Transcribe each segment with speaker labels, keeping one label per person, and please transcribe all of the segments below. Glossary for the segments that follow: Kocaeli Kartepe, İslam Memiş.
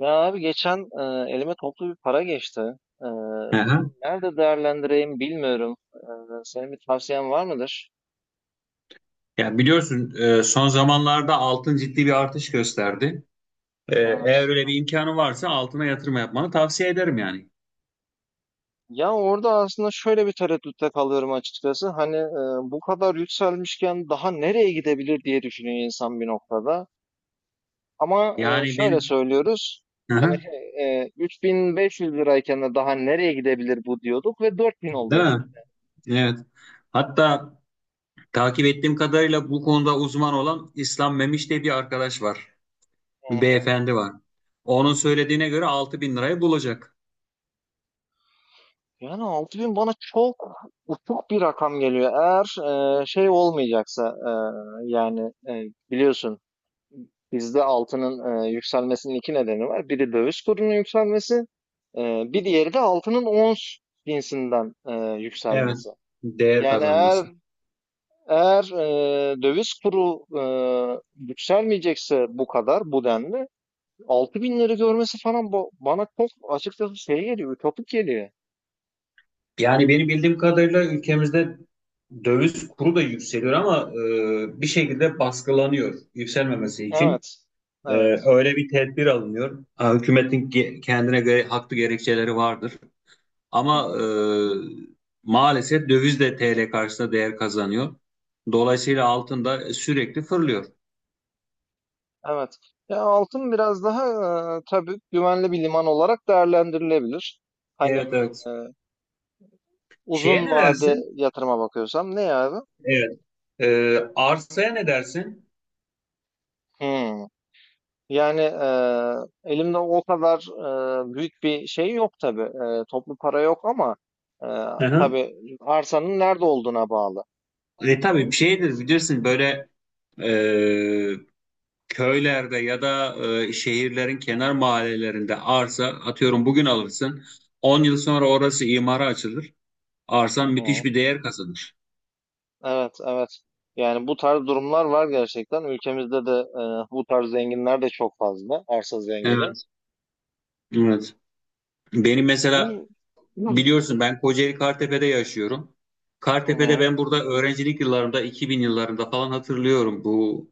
Speaker 1: Ya abi geçen elime toplu bir para geçti.
Speaker 2: Hı
Speaker 1: Bunu
Speaker 2: hı.
Speaker 1: nerede değerlendireyim bilmiyorum. Senin bir tavsiyen var mıdır?
Speaker 2: Yani biliyorsun son zamanlarda altın ciddi bir artış gösterdi. Eğer
Speaker 1: Evet.
Speaker 2: öyle bir imkanı varsa altına yatırım yapmanı tavsiye ederim yani.
Speaker 1: Ya orada aslında şöyle bir tereddütte kalıyorum açıkçası. Hani bu kadar yükselmişken daha nereye gidebilir diye düşünüyor insan bir noktada. Ama
Speaker 2: Yani
Speaker 1: şöyle
Speaker 2: benim.
Speaker 1: söylüyoruz.
Speaker 2: Hı
Speaker 1: Hani
Speaker 2: hı.
Speaker 1: 3.500 lirayken de daha nereye gidebilir bu diyorduk ve 4.000
Speaker 2: Değil
Speaker 1: oldu.
Speaker 2: mi? Evet. Hatta takip ettiğim kadarıyla bu konuda uzman olan İslam Memiş diye bir arkadaş var.
Speaker 1: E,
Speaker 2: Bir beyefendi var. Onun söylediğine göre 6.000 lirayı bulacak.
Speaker 1: Yani 6000 bana çok uçuk bir rakam geliyor. Eğer şey olmayacaksa, yani biliyorsun bizde altının yükselmesinin iki nedeni var. Biri döviz kurunun yükselmesi, e, bir diğeri de altının ons cinsinden yükselmesi.
Speaker 2: Evet. Değer
Speaker 1: Yani eğer
Speaker 2: kazanması.
Speaker 1: eğer döviz kuru yükselmeyecekse bu kadar bu denli altı binleri görmesi falan, bana çok açıkçası şey geliyor, ütopik geliyor.
Speaker 2: Yani benim bildiğim kadarıyla ülkemizde döviz kuru da yükseliyor ama bir şekilde baskılanıyor yükselmemesi için.
Speaker 1: Evet.
Speaker 2: E,
Speaker 1: Evet.
Speaker 2: Öyle bir tedbir alınıyor. Ha, hükümetin kendine göre haklı gerekçeleri vardır.
Speaker 1: Hı
Speaker 2: Ama
Speaker 1: hı.
Speaker 2: maalesef döviz de TL karşısında değer kazanıyor. Dolayısıyla altın da sürekli fırlıyor.
Speaker 1: Evet. Ya altın biraz daha tabii güvenli bir liman olarak değerlendirilebilir. Hani
Speaker 2: Evet evet.
Speaker 1: e,
Speaker 2: Şeye
Speaker 1: uzun
Speaker 2: ne
Speaker 1: vade
Speaker 2: dersin?
Speaker 1: yatırıma bakıyorsam ne ya abi?
Speaker 2: Evet. Arsaya ne dersin?
Speaker 1: Hmm. Yani elimde o kadar büyük bir şey yok tabii. Toplu para yok ama e,
Speaker 2: Hı hı.
Speaker 1: tabii arsanın nerede olduğuna bağlı.
Speaker 2: Tabii bir
Speaker 1: Hmm.
Speaker 2: şeydir bilirsin böyle e, köylerde ya da şehirlerin kenar mahallelerinde arsa atıyorum bugün alırsın. 10 yıl sonra orası imara açılır.
Speaker 1: Hı
Speaker 2: Arsan
Speaker 1: hı.
Speaker 2: müthiş bir değer kazanır.
Speaker 1: Evet, evet. Yani bu tarz durumlar var gerçekten. Ülkemizde de bu tarz zenginler de çok fazla. Arsa zengini.
Speaker 2: Evet. Evet. Benim mesela
Speaker 1: Bu
Speaker 2: biliyorsun ben Kocaeli Kartepe'de yaşıyorum.
Speaker 1: Hı
Speaker 2: Kartepe'de
Speaker 1: hı.
Speaker 2: ben burada öğrencilik yıllarımda 2000 yıllarında falan hatırlıyorum bu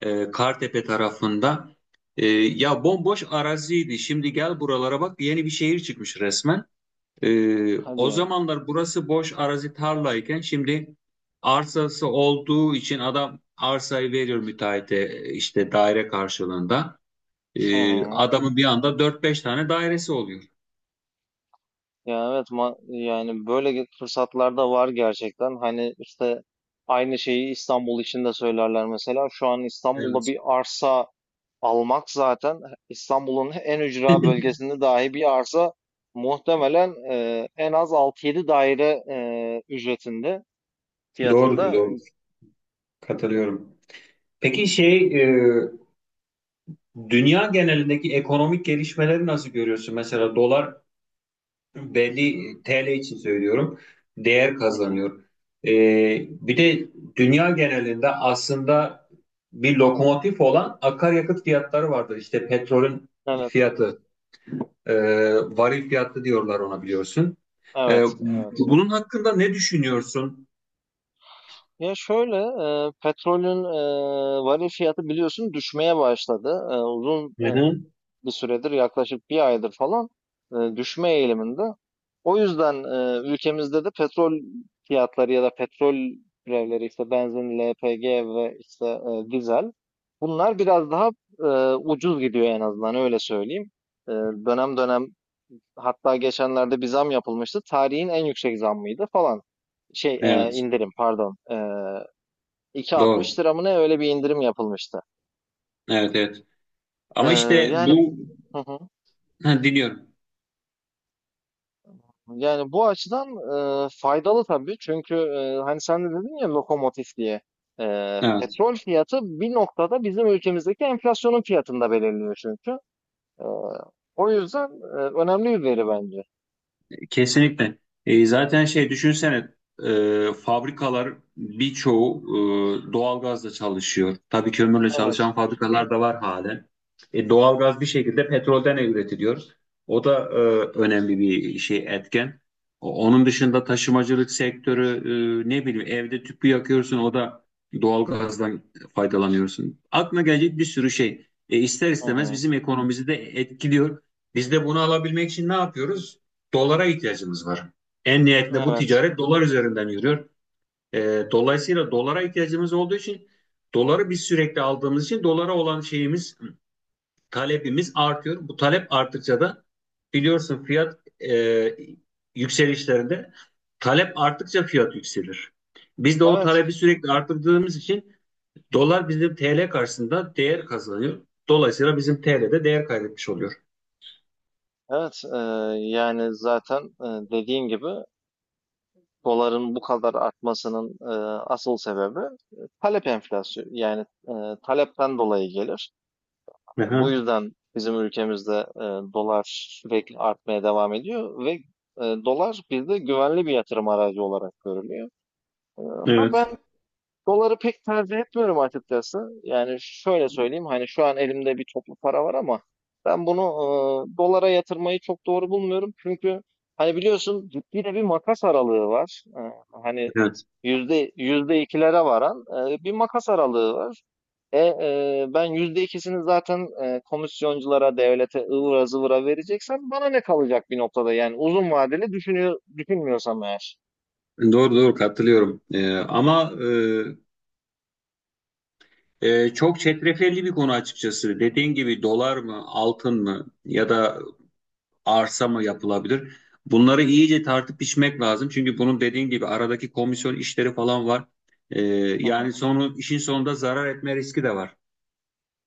Speaker 2: Kartepe tarafında. Ya bomboş araziydi. Şimdi gel buralara bak yeni bir şehir çıkmış resmen. O
Speaker 1: Hadi.
Speaker 2: zamanlar burası boş arazi tarlayken şimdi arsası olduğu için adam arsayı veriyor müteahhite işte daire karşılığında.
Speaker 1: Hı hı.
Speaker 2: Adamın bir anda dört beş tane dairesi oluyor.
Speaker 1: Ya evet, yani böyle fırsatlar da var gerçekten. Hani işte aynı şeyi İstanbul için de söylerler mesela. Şu an İstanbul'da
Speaker 2: Evet.
Speaker 1: bir arsa almak zaten, İstanbul'un en ücra bölgesinde dahi bir arsa muhtemelen en az altı yedi daire e, ücretinde
Speaker 2: Doğrudur,
Speaker 1: fiyatında.
Speaker 2: doğru. Katılıyorum. Peki şey, dünya genelindeki ekonomik gelişmeleri nasıl görüyorsun? Mesela dolar belli TL için söylüyorum değer
Speaker 1: Hı hı.
Speaker 2: kazanıyor. Bir de dünya genelinde aslında bir lokomotif olan akaryakıt fiyatları vardır. İşte petrolün
Speaker 1: Evet.
Speaker 2: fiyatı, e, varil fiyatı diyorlar ona biliyorsun. E,
Speaker 1: Evet, evet.
Speaker 2: Bunun hakkında ne düşünüyorsun?
Speaker 1: Ya şöyle, petrolün varil fiyatı biliyorsun düşmeye başladı. Uzun
Speaker 2: Hı hı.
Speaker 1: bir süredir, yaklaşık bir aydır falan, düşme eğiliminde. O yüzden ülkemizde de petrol fiyatları ya da petrol türevleri, işte benzin, LPG ve işte dizel, bunlar biraz daha ucuz gidiyor, en azından öyle söyleyeyim. E, Dönem dönem, hatta geçenlerde bir zam yapılmıştı. Tarihin en yüksek zammıydı falan. Şey,
Speaker 2: Evet,
Speaker 1: indirim pardon. 2,60
Speaker 2: doğru.
Speaker 1: lira mı ne, öyle bir indirim yapılmıştı.
Speaker 2: Evet, evet.
Speaker 1: E,
Speaker 2: Ama işte
Speaker 1: Yani,
Speaker 2: bu.
Speaker 1: hı hı.
Speaker 2: Ha, dinliyorum.
Speaker 1: Yani bu açıdan faydalı tabii. Çünkü hani sen de dedin ya lokomotif diye.
Speaker 2: Evet.
Speaker 1: Petrol fiyatı bir noktada bizim ülkemizdeki enflasyonun fiyatında belirliyor çünkü. E, O yüzden önemli bir veri bence.
Speaker 2: Kesinlikle. Zaten şey düşünsene fabrikalar birçoğu doğalgazla çalışıyor. Tabii kömürle
Speaker 1: Evet.
Speaker 2: çalışan fabrikalar da var halen. Doğalgaz bir şekilde petrolden üretiliyor. O da önemli bir şey etken. Onun dışında taşımacılık sektörü ne bileyim evde tüpü yakıyorsun o da doğalgazdan faydalanıyorsun. Aklına gelecek bir sürü şey. İster
Speaker 1: Hı
Speaker 2: istemez
Speaker 1: hı.
Speaker 2: bizim ekonomimizi de etkiliyor. Biz de bunu alabilmek için ne yapıyoruz? Dolara ihtiyacımız var. En nihayetinde bu
Speaker 1: Evet.
Speaker 2: ticaret dolar üzerinden yürüyor. Dolayısıyla dolara ihtiyacımız olduğu için doları biz sürekli aldığımız için dolara olan şeyimiz, talebimiz artıyor. Bu talep arttıkça da biliyorsun fiyat e, yükselişlerinde talep arttıkça fiyat yükselir. Biz de o
Speaker 1: Evet.
Speaker 2: talebi sürekli arttırdığımız için dolar bizim TL karşısında değer kazanıyor. Dolayısıyla bizim TL'de değer kaybetmiş oluyor.
Speaker 1: Evet. Yani zaten dediğin gibi doların bu kadar artmasının asıl sebebi e, talep enflasyonu. Yani talepten dolayı gelir. Bu
Speaker 2: Aha,
Speaker 1: yüzden bizim ülkemizde dolar sürekli artmaya devam ediyor ve dolar bizde güvenli bir yatırım aracı olarak görülüyor. E, ha
Speaker 2: evet,
Speaker 1: Ben doları pek tercih etmiyorum açıkçası. Yani şöyle söyleyeyim, hani şu an elimde bir toplu para var ama ben bunu dolara yatırmayı çok doğru bulmuyorum. Çünkü hani biliyorsun, ciddi de bir makas aralığı var. Hani
Speaker 2: evet.
Speaker 1: yüzde ikilere varan bir makas aralığı var. Ben yüzde ikisini zaten komisyonculara, devlete, ıvıra zıvıra vereceksem bana ne kalacak bir noktada, yani uzun vadeli düşünüyor, düşünmüyorsam eğer.
Speaker 2: Doğru doğru katılıyorum. Ama çok çetrefilli bir konu açıkçası. Dediğin gibi dolar mı, altın mı ya da arsa mı yapılabilir? Bunları iyice tartıp biçmek lazım. Çünkü bunun dediğin gibi aradaki komisyon işleri falan var. Ee,
Speaker 1: Hı hı,
Speaker 2: Yani sonu işin sonunda zarar etme riski de var.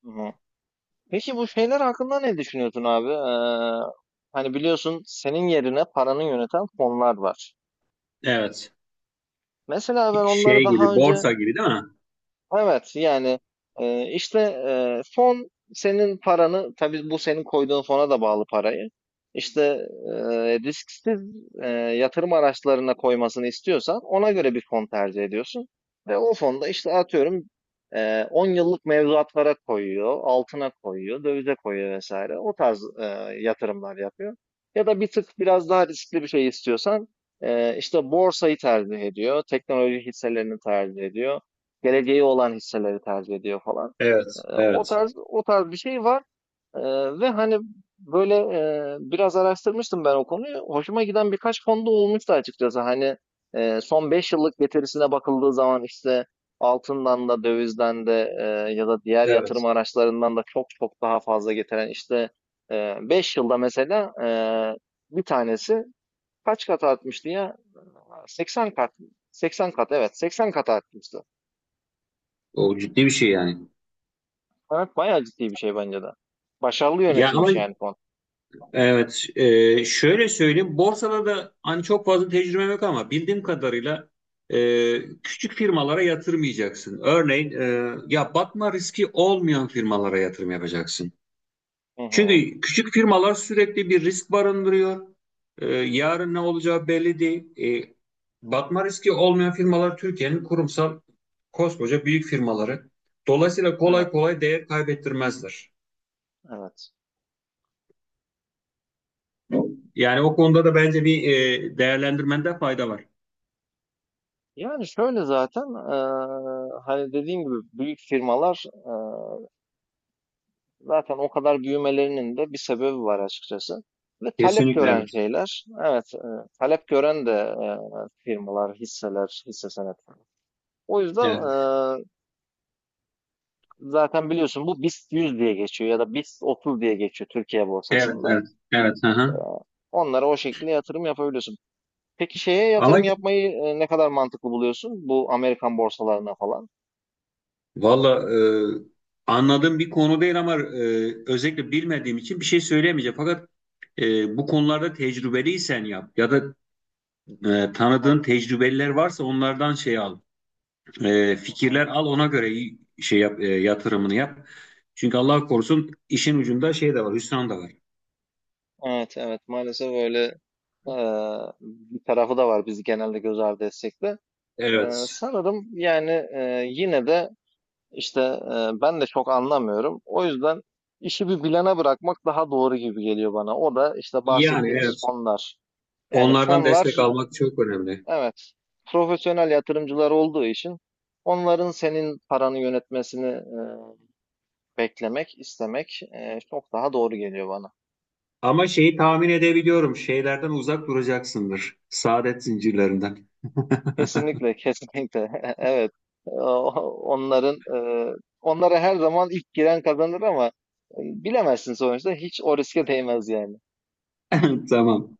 Speaker 1: hı hı. Peki bu şeyler hakkında ne düşünüyorsun abi? Hani biliyorsun, senin yerine paranı yöneten fonlar var.
Speaker 2: Evet.
Speaker 1: Mesela ben onları
Speaker 2: Şey
Speaker 1: daha
Speaker 2: gibi,
Speaker 1: önce...
Speaker 2: borsa gibi değil mi?
Speaker 1: Evet, yani işte fon senin paranı, tabii bu senin koyduğun fona da bağlı, parayı İşte risksiz yatırım araçlarına koymasını istiyorsan ona göre bir fon tercih ediyorsun ve o fonda işte, atıyorum, 10 yıllık mevduatlara koyuyor, altına koyuyor, dövize koyuyor vesaire, o tarz yatırımlar yapıyor. Ya da bir tık biraz daha riskli bir şey istiyorsan, işte borsayı tercih ediyor, teknoloji hisselerini tercih ediyor, geleceği olan hisseleri tercih ediyor falan.
Speaker 2: Evet,
Speaker 1: O
Speaker 2: evet.
Speaker 1: tarz o tarz bir şey var. Ee, Ve hani böyle biraz araştırmıştım ben o konuyu. Hoşuma giden birkaç fonda olmuştu açıkçası. Hani son 5 yıllık getirisine bakıldığı zaman, işte altından da dövizden de, ya da diğer yatırım
Speaker 2: Evet.
Speaker 1: araçlarından da çok çok daha fazla getiren, işte 5 yılda mesela, bir tanesi kaç kat artmıştı ya? 80 kat. 80 kat, evet, 80 kat artmıştı.
Speaker 2: O ciddi bir şey yani.
Speaker 1: Evet, bayağı ciddi bir şey bence de. Başarılı
Speaker 2: Ya ama
Speaker 1: yönetilmiş yani, fon.
Speaker 2: Evet, şöyle söyleyeyim. Borsada da hani çok fazla tecrübem yok ama bildiğim kadarıyla e, küçük firmalara yatırmayacaksın. Örneğin ya batma riski olmayan firmalara yatırım yapacaksın.
Speaker 1: Hı hı.
Speaker 2: Çünkü küçük firmalar sürekli bir risk barındırıyor. Yarın ne olacağı belli değil. E, Batma riski olmayan firmalar Türkiye'nin kurumsal koskoca büyük firmaları. Dolayısıyla kolay
Speaker 1: Evet,
Speaker 2: kolay değer kaybettirmezler.
Speaker 1: evet.
Speaker 2: Yani o konuda da bence bir değerlendirmende fayda var.
Speaker 1: Yani şöyle, zaten, hani dediğim gibi, büyük firmalar, zaten o kadar büyümelerinin de bir sebebi var açıkçası. Ve talep
Speaker 2: Kesinlikle
Speaker 1: gören
Speaker 2: evet.
Speaker 1: şeyler, evet, talep gören de, firmalar, hisseler, hisse senetleri. O yüzden
Speaker 2: Evet.
Speaker 1: eee, zaten biliyorsun, bu BIST 100 diye geçiyor ya da BIST 30 diye geçiyor Türkiye
Speaker 2: Evet,
Speaker 1: borsasında.
Speaker 2: evet, evet. Hı hı.
Speaker 1: Onlara o şekilde yatırım yapabiliyorsun. Peki şeye
Speaker 2: Ama
Speaker 1: yatırım yapmayı ne kadar mantıklı buluyorsun? Bu Amerikan borsalarına falan.
Speaker 2: valla anladığım bir konu değil ama özellikle bilmediğim için bir şey söyleyemeyeceğim. Fakat bu konularda tecrübeliysen yap ya da
Speaker 1: Hı
Speaker 2: tanıdığın tecrübeliler varsa onlardan şey al,
Speaker 1: hı.
Speaker 2: fikirler al ona göre şey yap, yatırımını yap. Çünkü Allah korusun işin ucunda şey de var, hüsran da var.
Speaker 1: Evet, evet, maalesef öyle e, bir tarafı da var, bizi genelde göz ardı etsek de.
Speaker 2: Evet.
Speaker 1: Sanırım, yani, yine de işte, ben de çok anlamıyorum. O yüzden işi bir bilene bırakmak daha doğru gibi geliyor bana. O da işte
Speaker 2: Yani
Speaker 1: bahsettiğimiz
Speaker 2: evet.
Speaker 1: fonlar. Yani
Speaker 2: Onlardan
Speaker 1: fonlar,
Speaker 2: destek almak çok önemli.
Speaker 1: evet, profesyonel yatırımcılar olduğu için onların senin paranı yönetmesini beklemek, istemek, çok daha doğru geliyor bana.
Speaker 2: Ama şeyi tahmin edebiliyorum. Şeylerden uzak duracaksındır. Saadet zincirlerinden.
Speaker 1: Kesinlikle, kesinlikle. Evet. O Onların, onlara her zaman ilk giren kazanır ama, bilemezsin sonuçta. Hiç o riske değmez yani.
Speaker 2: Tamam.